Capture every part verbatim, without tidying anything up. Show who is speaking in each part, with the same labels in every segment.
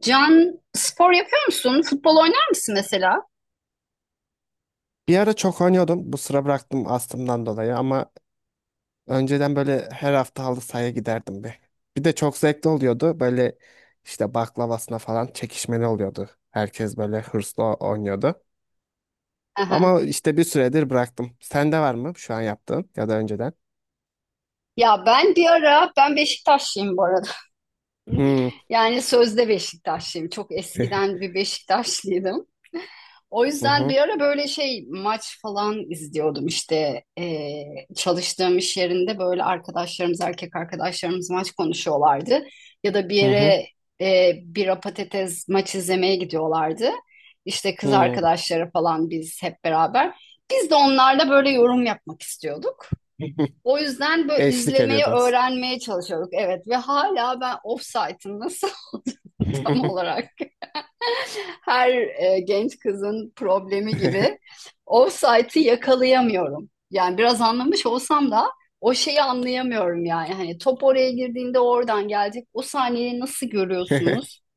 Speaker 1: Can spor yapıyor musun? Futbol oynar mısın mesela?
Speaker 2: Bir ara çok oynuyordum. Bu sıra bıraktım astımdan dolayı ama önceden böyle her hafta halı sahaya giderdim bir. Bir de çok zevkli oluyordu. Böyle işte baklavasına falan çekişmeli oluyordu. Herkes böyle hırslı o- oynuyordu.
Speaker 1: Aha.
Speaker 2: Ama işte bir süredir bıraktım. Sende var mı şu an yaptığın ya da önceden?
Speaker 1: Ya ben bir ara ben Beşiktaşlıyım bu arada.
Speaker 2: Hmm.
Speaker 1: Yani sözde Beşiktaşlıyım. Çok eskiden bir Beşiktaşlıydım. O
Speaker 2: Hı
Speaker 1: yüzden
Speaker 2: hı.
Speaker 1: bir ara böyle şey maç falan izliyordum işte. Ee, çalıştığım iş yerinde böyle arkadaşlarımız erkek arkadaşlarımız maç konuşuyorlardı ya da bir
Speaker 2: Hı hı.
Speaker 1: yere e, bira patates maç izlemeye gidiyorlardı işte kız
Speaker 2: Hı.
Speaker 1: arkadaşları falan biz hep beraber biz de onlarla böyle yorum yapmak istiyorduk. O yüzden böyle
Speaker 2: Eşlik
Speaker 1: izlemeyi
Speaker 2: ediyordunuz.
Speaker 1: öğrenmeye çalışıyorduk, evet, ve hala ben ofsaytın nasıl olduğunu tam olarak her e, genç kızın problemi gibi offside'ı yakalayamıyorum. Yani biraz anlamış olsam da o şeyi anlayamıyorum yani. Hani top oraya girdiğinde oradan gelecek. O saniyeyi nasıl görüyorsunuz?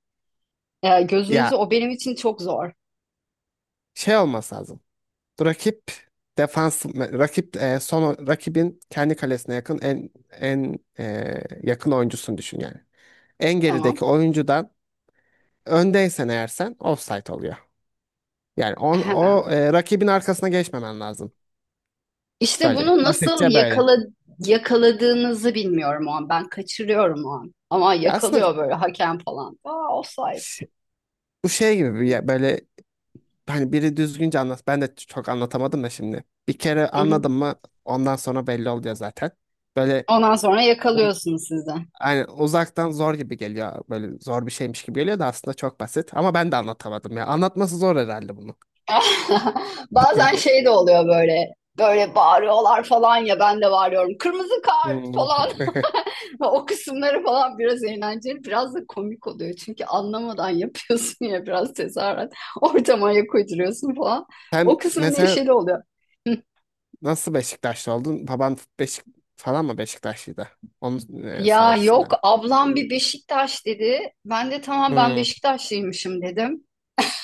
Speaker 1: E, gözünüzü
Speaker 2: Ya
Speaker 1: o benim için çok zor.
Speaker 2: şey olması lazım. Rakip defans rakip e, son rakibin kendi kalesine yakın en en e, yakın oyuncusunu düşün yani. En
Speaker 1: Tamam.
Speaker 2: gerideki oyuncudan öndeysen eğer sen offside oluyor. Yani on, o
Speaker 1: Ahem.
Speaker 2: e, rakibin arkasına geçmemen lazım.
Speaker 1: İşte
Speaker 2: Böyle
Speaker 1: bunu nasıl
Speaker 2: basitçe böyle.
Speaker 1: yakala, yakaladığınızı bilmiyorum o an. Ben kaçırıyorum o an. Ama
Speaker 2: Ya aslında
Speaker 1: yakalıyor böyle hakem falan. Aa offside.
Speaker 2: ş- bu şey gibi bir ya- böyle hani biri düzgünce anlat. Ben de çok anlatamadım da şimdi. Bir kere
Speaker 1: Hı hı.
Speaker 2: anladım mı ondan sonra belli oluyor zaten. Böyle
Speaker 1: Ondan sonra yakalıyorsunuz siz de.
Speaker 2: aynen uzaktan zor gibi geliyor. Böyle zor bir şeymiş gibi geliyor da aslında çok basit. Ama ben de anlatamadım ya. Anlatması zor herhalde bunu.
Speaker 1: Bazen şey de oluyor böyle. Böyle bağırıyorlar falan ya ben de bağırıyorum. Kırmızı kart
Speaker 2: Hmm.
Speaker 1: falan. O kısımları falan biraz eğlenceli, biraz da komik oluyor. Çünkü anlamadan yapıyorsun ya biraz tezahürat. Ortama ayak uyduruyorsun falan. O
Speaker 2: Sen
Speaker 1: kısmı
Speaker 2: mesela
Speaker 1: neşeli oluyor.
Speaker 2: nasıl Beşiktaşlı oldun? Baban Beşik falan mı Beşiktaşlıydı? Onun e,
Speaker 1: Ya
Speaker 2: sayesinde
Speaker 1: yok,
Speaker 2: mi?
Speaker 1: ablam bir Beşiktaş dedi. Ben de tamam, ben
Speaker 2: Hmm.
Speaker 1: Beşiktaşlıymışım dedim.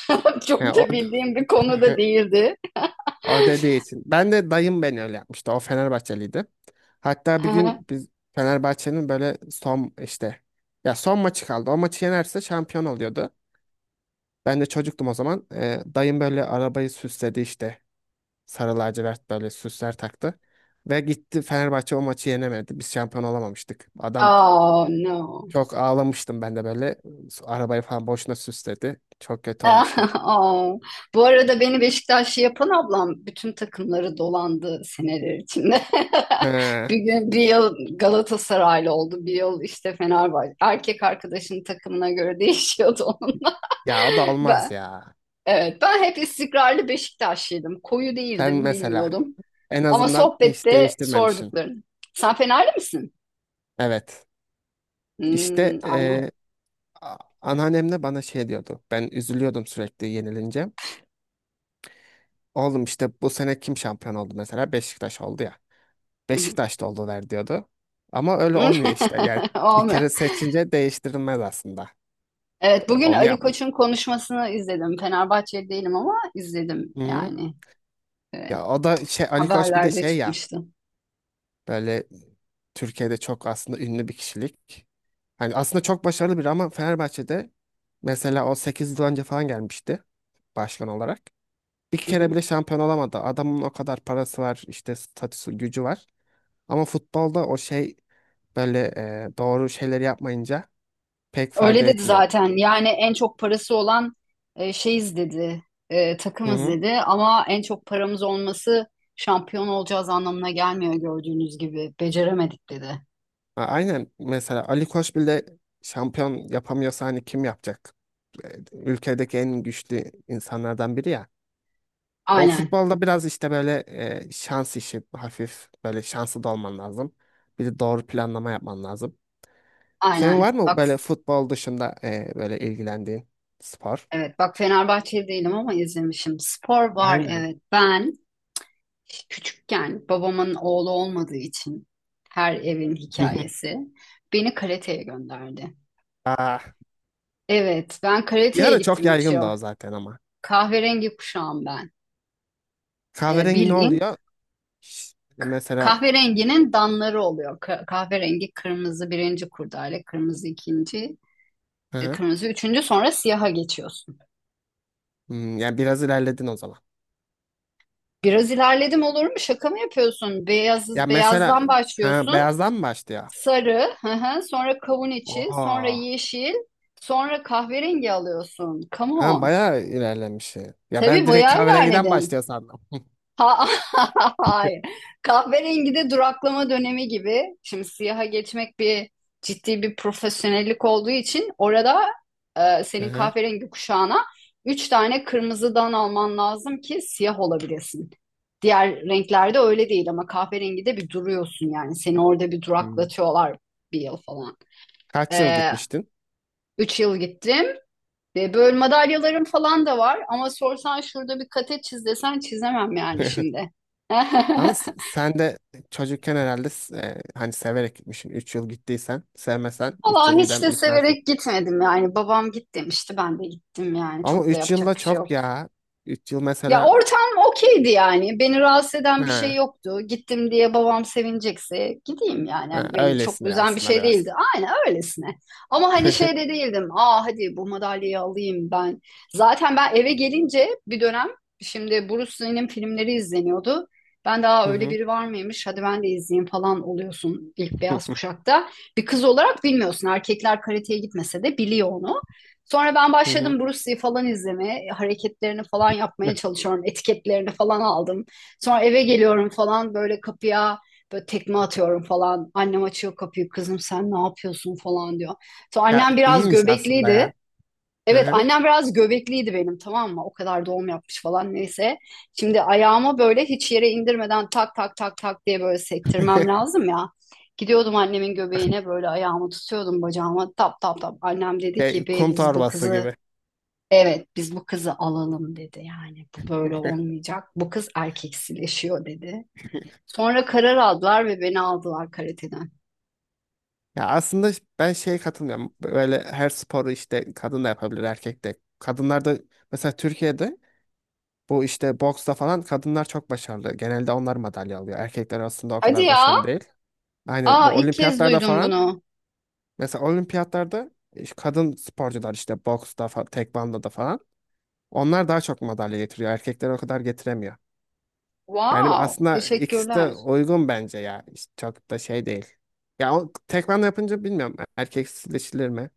Speaker 1: Çok
Speaker 2: He, o,
Speaker 1: da bildiğim bir konu da değildi.
Speaker 2: o dediği için. Ben de dayım beni öyle yapmıştı. O Fenerbahçeliydi. Hatta bir gün biz Fenerbahçe'nin böyle son işte ya son maçı kaldı. O maçı yenerse şampiyon oluyordu. Ben de çocuktum o zaman. Ee, dayım böyle arabayı süsledi işte. Sarı lacivert böyle süsler taktı. Ve gitti Fenerbahçe o maçı yenemedi. Biz şampiyon olamamıştık. Adam
Speaker 1: Oh no.
Speaker 2: çok ağlamıştım ben de böyle. Arabayı falan boşuna süsledi. Çok kötü olmuştu.
Speaker 1: Aa, bu arada beni Beşiktaşlı yapan ablam bütün takımları dolandı seneler içinde.
Speaker 2: He.
Speaker 1: Bir gün bir yıl Galatasaraylı oldu, bir yıl işte Fenerbahçe. Erkek arkadaşının takımına göre değişiyordu onun.
Speaker 2: Ya o da olmaz
Speaker 1: Ben,
Speaker 2: ya.
Speaker 1: evet, ben hep istikrarlı Beşiktaşlıydım. Koyu
Speaker 2: Sen
Speaker 1: değildim,
Speaker 2: mesela
Speaker 1: bilmiyordum.
Speaker 2: en
Speaker 1: Ama
Speaker 2: azından hiç
Speaker 1: sohbette
Speaker 2: değiştirmemişsin.
Speaker 1: sorduklarını. Sen Fenerli misin?
Speaker 2: Evet.
Speaker 1: Hmm,
Speaker 2: İşte
Speaker 1: aynen.
Speaker 2: eee a- anneannem de bana şey diyordu. Ben üzülüyordum sürekli yenilince. Oğlum işte bu sene kim şampiyon oldu mesela? Beşiktaş oldu ya. Beşiktaş da oldular diyordu. Ama öyle olmuyor işte. Yani bir
Speaker 1: Olmuyor.
Speaker 2: kere seçince değiştirilmez aslında.
Speaker 1: Evet,
Speaker 2: E,
Speaker 1: bugün
Speaker 2: Onu
Speaker 1: Ali
Speaker 2: yap.
Speaker 1: Koç'un konuşmasını izledim. Fenerbahçeli değilim ama izledim
Speaker 2: Hı hı.
Speaker 1: yani. Evet,
Speaker 2: Ya o da şey Ali Koç bir de
Speaker 1: haberlerde
Speaker 2: şey ya
Speaker 1: çıkmıştı.
Speaker 2: böyle Türkiye'de çok aslında ünlü bir kişilik. Hani aslında çok başarılı biri ama Fenerbahçe'de mesela o sekiz yıl önce falan gelmişti başkan olarak. Bir
Speaker 1: Hı
Speaker 2: kere
Speaker 1: hı.
Speaker 2: bile şampiyon olamadı. Adamın o kadar parası var, işte statüsü, gücü var. Ama futbolda o şey böyle e, doğru şeyleri yapmayınca pek fayda
Speaker 1: Öyle dedi
Speaker 2: etmiyor.
Speaker 1: zaten. Yani en çok parası olan e, şeyiz dedi, e,
Speaker 2: Hı
Speaker 1: takımız
Speaker 2: hı.
Speaker 1: dedi. Ama en çok paramız olması şampiyon olacağız anlamına gelmiyor gördüğünüz gibi. Beceremedik dedi.
Speaker 2: A- Aynen mesela Ali Koç bile şampiyon yapamıyorsa hani kim yapacak? E, Ülkedeki en güçlü insanlardan biri ya. O
Speaker 1: Aynen,
Speaker 2: futbolda biraz işte böyle e, şans işi hafif böyle şanslı da olman lazım. Bir de doğru planlama yapman lazım. Senin var
Speaker 1: aynen.
Speaker 2: mı
Speaker 1: Bak,
Speaker 2: böyle futbol dışında e, böyle ilgilendiğin spor?
Speaker 1: evet, bak, Fenerbahçeli değilim ama izlemişim. Spor var,
Speaker 2: Aynen.
Speaker 1: evet. Ben küçükken babamın oğlu olmadığı için her evin hikayesi beni karateye gönderdi.
Speaker 2: Aa,
Speaker 1: Evet, ben
Speaker 2: bir
Speaker 1: karateye
Speaker 2: ara çok
Speaker 1: gittim üç
Speaker 2: yaygındı
Speaker 1: yıl.
Speaker 2: o zaten ama.
Speaker 1: Kahverengi kuşağım ben. Ee,
Speaker 2: Kahverengi ne
Speaker 1: bildiğin
Speaker 2: oluyor? Ş- Mesela.
Speaker 1: kahverenginin danları oluyor. Ka- kahverengi kırmızı birinci kurdale, kırmızı ikinci,
Speaker 2: Hı
Speaker 1: e,
Speaker 2: hı.
Speaker 1: kırmızı üçüncü, sonra siyaha geçiyorsun.
Speaker 2: Hmm, yani biraz ilerledin o zaman.
Speaker 1: Biraz ilerledim olur mu? Şaka mı yapıyorsun?
Speaker 2: Ya
Speaker 1: Beyaz,
Speaker 2: mesela
Speaker 1: beyazdan
Speaker 2: ha,
Speaker 1: başlıyorsun.
Speaker 2: beyazdan mı başlıyor?
Speaker 1: Sarı, hı hı, sonra kavun içi, sonra
Speaker 2: Aa,
Speaker 1: yeşil, sonra kahverengi alıyorsun. Come
Speaker 2: ha,
Speaker 1: on.
Speaker 2: bayağı ilerlemiş. Ya ben
Speaker 1: Tabii
Speaker 2: direkt
Speaker 1: bayağı
Speaker 2: kahverengiden
Speaker 1: ilerledim.
Speaker 2: başlıyor sandım.
Speaker 1: Ha, hayır. Kahverengi de duraklama dönemi gibi. Şimdi siyaha geçmek bir ciddi bir profesyonellik olduğu için orada e,
Speaker 2: Hı
Speaker 1: senin
Speaker 2: hı.
Speaker 1: kahverengi kuşağına üç tane kırmızıdan alman lazım ki siyah olabilesin. Diğer renklerde öyle değil ama kahverengi de bir duruyorsun yani. Seni orada bir
Speaker 2: Hmm.
Speaker 1: duraklatıyorlar bir yıl falan.
Speaker 2: Kaç yıl
Speaker 1: Ee,
Speaker 2: gitmiştin?
Speaker 1: üç yıl gittim. Ve böyle madalyalarım falan da var. Ama sorsan şurada bir kate çiz desen çizemem yani şimdi.
Speaker 2: Ama s- sen de çocukken herhalde s- e, hani severek gitmişsin. üç yıl gittiysen, sevmesen üç
Speaker 1: Allah
Speaker 2: yıl
Speaker 1: hiç
Speaker 2: gidem
Speaker 1: de
Speaker 2: gitmezsin.
Speaker 1: severek gitmedim yani. Babam git demişti, ben de gittim yani.
Speaker 2: Ama
Speaker 1: Çok da
Speaker 2: üç yıl
Speaker 1: yapacak
Speaker 2: da
Speaker 1: bir şey
Speaker 2: çok
Speaker 1: yoktu.
Speaker 2: ya. üç yıl
Speaker 1: Ya
Speaker 2: mesela
Speaker 1: ortam okeydi yani. Beni rahatsız eden bir şey
Speaker 2: ha,
Speaker 1: yoktu. Gittim diye babam sevinecekse gideyim yani.
Speaker 2: ha,
Speaker 1: Hani beni çok
Speaker 2: öylesine
Speaker 1: üzen bir
Speaker 2: aslında
Speaker 1: şey değildi.
Speaker 2: biraz.
Speaker 1: Aynen öylesine. Ama hani şey de değildim. Aa hadi bu madalyayı alayım ben. Zaten ben eve gelince bir dönem şimdi Bruce Lee'nin filmleri izleniyordu. Ben
Speaker 2: Hı
Speaker 1: daha öyle
Speaker 2: hı.
Speaker 1: biri var mıymış? Hadi ben de izleyeyim falan oluyorsun ilk
Speaker 2: Hı
Speaker 1: beyaz
Speaker 2: hı.
Speaker 1: kuşakta. Bir kız olarak bilmiyorsun. Erkekler karateye gitmese de biliyor onu. Sonra ben
Speaker 2: Hı
Speaker 1: başladım Bruce Lee falan izlemeye, hareketlerini falan yapmaya
Speaker 2: hı.
Speaker 1: çalışıyorum, etiketlerini falan aldım. Sonra eve geliyorum falan böyle kapıya böyle tekme atıyorum falan. Annem açıyor kapıyı, kızım sen ne yapıyorsun falan diyor. Sonra
Speaker 2: Ya
Speaker 1: annem biraz
Speaker 2: iyiymiş aslında
Speaker 1: göbekliydi.
Speaker 2: ya.
Speaker 1: Evet, annem biraz göbekliydi benim, tamam mı? O kadar doğum yapmış falan neyse. Şimdi ayağımı böyle hiç yere indirmeden tak tak tak tak diye böyle sektirmem lazım ya. Gidiyordum annemin göbeğine böyle ayağımı tutuyordum bacağıma tap tap tap. Annem dedi
Speaker 2: Şey,
Speaker 1: ki bey
Speaker 2: kum
Speaker 1: biz bu
Speaker 2: torbası
Speaker 1: kızı
Speaker 2: gibi.
Speaker 1: evet biz bu kızı alalım dedi yani, bu böyle olmayacak. Bu kız erkeksileşiyor dedi. Sonra karar aldılar ve beni aldılar karateden.
Speaker 2: Ya aslında ben şeye katılmıyorum. Böyle her sporu işte kadın da yapabilir, erkek de. Kadınlar da mesela Türkiye'de bu işte boksta falan kadınlar çok başarılı. Genelde onlar madalya alıyor. Erkekler aslında o
Speaker 1: Hadi
Speaker 2: kadar
Speaker 1: ya.
Speaker 2: başarılı değil. Aynen bu
Speaker 1: Aa, ilk kez
Speaker 2: olimpiyatlarda
Speaker 1: duydum
Speaker 2: falan
Speaker 1: bunu.
Speaker 2: mesela olimpiyatlarda iş- kadın sporcular işte boksta, fa- tekvandoda falan onlar daha çok madalya getiriyor. Erkekler o kadar getiremiyor. Yani
Speaker 1: Wow,
Speaker 2: aslında ikisi de
Speaker 1: teşekkürler.
Speaker 2: uygun bence ya. İşte çok da şey değil. Ya o tekman yapınca bilmiyorum erkeksileşilir mi?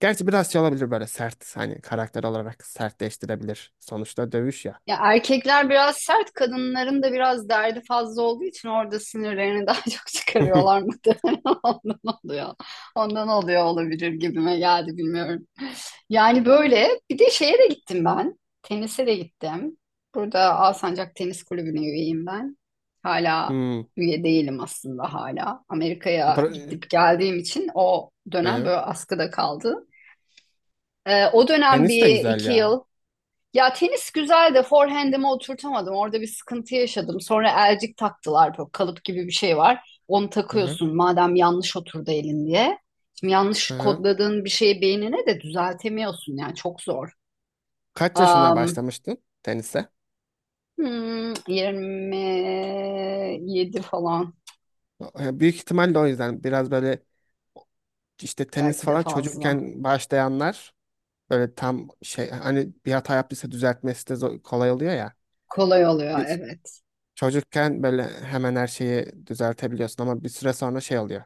Speaker 2: Gerçi biraz şey olabilir böyle sert hani karakter olarak sertleştirebilir. Sonuçta dövüş ya.
Speaker 1: Ya erkekler biraz sert, kadınların da biraz derdi fazla olduğu için orada sinirlerini daha çok çıkarıyorlar muhtemelen. Ondan oluyor. Ondan oluyor olabilir gibime geldi, bilmiyorum. Yani böyle bir de şeye de gittim ben. Tenise de gittim. Burada Alsancak Tenis Kulübü'ne üyeyim ben. Hala
Speaker 2: Hmm.
Speaker 1: üye değilim aslında hala. Amerika'ya
Speaker 2: Bra-
Speaker 1: gidip geldiğim için o dönem
Speaker 2: Hı.
Speaker 1: böyle askıda kaldı. Ee, o dönem
Speaker 2: Tenis de
Speaker 1: bir
Speaker 2: güzel
Speaker 1: iki
Speaker 2: ya.
Speaker 1: yıl ya, tenis güzel de forehand'imi oturtamadım. Orada bir sıkıntı yaşadım. Sonra elcik taktılar. Böyle kalıp gibi bir şey var. Onu
Speaker 2: Hı hı.
Speaker 1: takıyorsun madem yanlış oturdu elin diye. Şimdi
Speaker 2: Hı
Speaker 1: yanlış
Speaker 2: hı.
Speaker 1: kodladığın bir şeyi beynine de düzeltemiyorsun. Yani çok zor.
Speaker 2: Kaç yaşına
Speaker 1: Am,
Speaker 2: başlamıştın tenise?
Speaker 1: hmm, yirmi yedi falan,
Speaker 2: E, Büyük ihtimalle o yüzden biraz böyle işte tenis
Speaker 1: belki de
Speaker 2: falan
Speaker 1: fazla.
Speaker 2: çocukken başlayanlar böyle tam şey hani bir hata yaptıysa düzeltmesi de zor- kolay oluyor ya.
Speaker 1: Kolay oluyor
Speaker 2: E,
Speaker 1: evet.
Speaker 2: Çocukken böyle hemen her şeyi düzeltebiliyorsun ama bir süre sonra şey oluyor.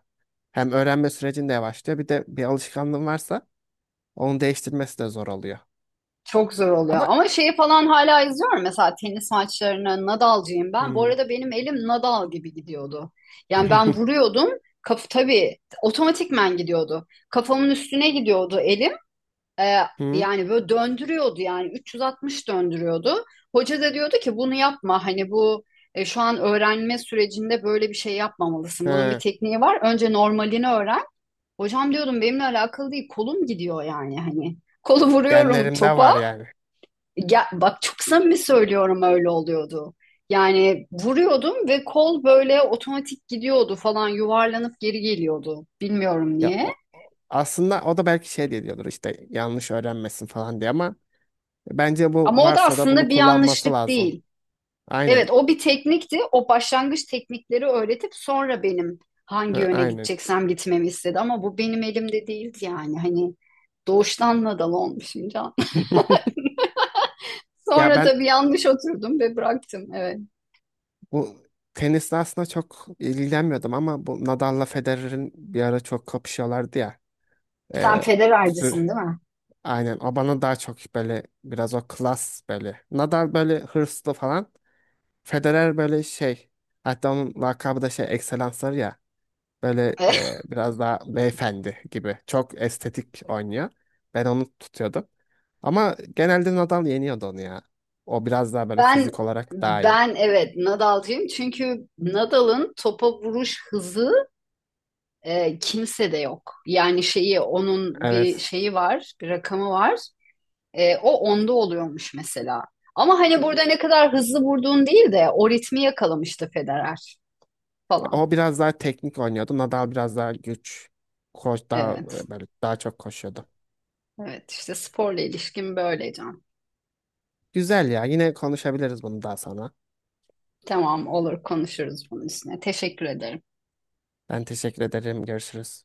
Speaker 2: Hem öğrenme sürecin de yavaşlıyor bir de bir alışkanlığın varsa onu değiştirmesi de zor oluyor.
Speaker 1: Çok zor oluyor.
Speaker 2: Ama
Speaker 1: Ama şeyi falan hala izliyorum. Mesela tenis maçlarını Nadal'cıyım ben. Bu
Speaker 2: Hmm.
Speaker 1: arada benim elim Nadal gibi gidiyordu. Yani ben vuruyordum. Kaf tabii otomatikmen gidiyordu. Kafamın üstüne gidiyordu elim. Ee,
Speaker 2: Hı?
Speaker 1: yani böyle döndürüyordu yani üç yüz altmış döndürüyordu. Hoca da diyordu ki bunu yapma. Hani bu e, şu an öğrenme sürecinde böyle bir şey yapmamalısın. Bunun bir
Speaker 2: He,
Speaker 1: tekniği var. Önce normalini öğren. Hocam diyordum benimle alakalı değil. Kolum gidiyor yani hani. Kolu vuruyorum
Speaker 2: genlerimde
Speaker 1: topa
Speaker 2: var yani.
Speaker 1: ya, bak, çok samimi söylüyorum öyle oluyordu. Yani vuruyordum ve kol böyle otomatik gidiyordu falan, yuvarlanıp geri geliyordu. Bilmiyorum
Speaker 2: Ya
Speaker 1: niye.
Speaker 2: o- aslında o da belki şey diye diyordur işte yanlış öğrenmesin falan diye ama bence bu
Speaker 1: Ama o da
Speaker 2: varsa da bunu
Speaker 1: aslında bir
Speaker 2: kullanması
Speaker 1: yanlışlık
Speaker 2: lazım.
Speaker 1: değil.
Speaker 2: Aynen.
Speaker 1: Evet, o bir teknikti. O başlangıç teknikleri öğretip sonra benim hangi
Speaker 2: Hı,
Speaker 1: yöne
Speaker 2: aynen.
Speaker 1: gideceksem gitmemi istedi. Ama bu benim elimde değildi yani. Hani doğuştan nadal olmuşum can.
Speaker 2: Ya
Speaker 1: Sonra
Speaker 2: ben
Speaker 1: tabii yanlış oturdum ve bıraktım. Evet.
Speaker 2: bu tenisle aslında çok ilgilenmiyordum ama bu Nadal'la Federer'in bir ara çok kapışıyorlardı ya.
Speaker 1: Sen
Speaker 2: Ee, sür
Speaker 1: Federer'cisin değil mi?
Speaker 2: Aynen o bana daha çok böyle biraz o klas böyle. Nadal böyle hırslı falan. Federer böyle şey hatta onun lakabı da şey ekselansları ya. Böyle e, biraz daha beyefendi gibi. Çok estetik oynuyor. Ben onu tutuyordum. Ama genelde Nadal yeniyordu onu ya. O biraz daha böyle
Speaker 1: Ben
Speaker 2: fizik olarak daha iyi.
Speaker 1: ben evet Nadal'cıyım çünkü Nadal'ın topa vuruş hızı e, kimsede yok. Yani şeyi onun bir
Speaker 2: Evet.
Speaker 1: şeyi var, bir rakamı var. E, o onda oluyormuş mesela. Ama hani burada ne kadar hızlı vurduğun değil de o ritmi yakalamıştı Federer falan.
Speaker 2: O biraz daha teknik oynuyordu. Nadal biraz daha güç. Koş daha
Speaker 1: Evet.
Speaker 2: e, böyle daha çok koşuyordu.
Speaker 1: Evet işte sporla ilişkim böyle Can.
Speaker 2: Güzel ya. Yine konuşabiliriz bunu daha sonra.
Speaker 1: Tamam, olur, konuşuruz bunun üstüne. Teşekkür ederim.
Speaker 2: Ben teşekkür ederim. Görüşürüz.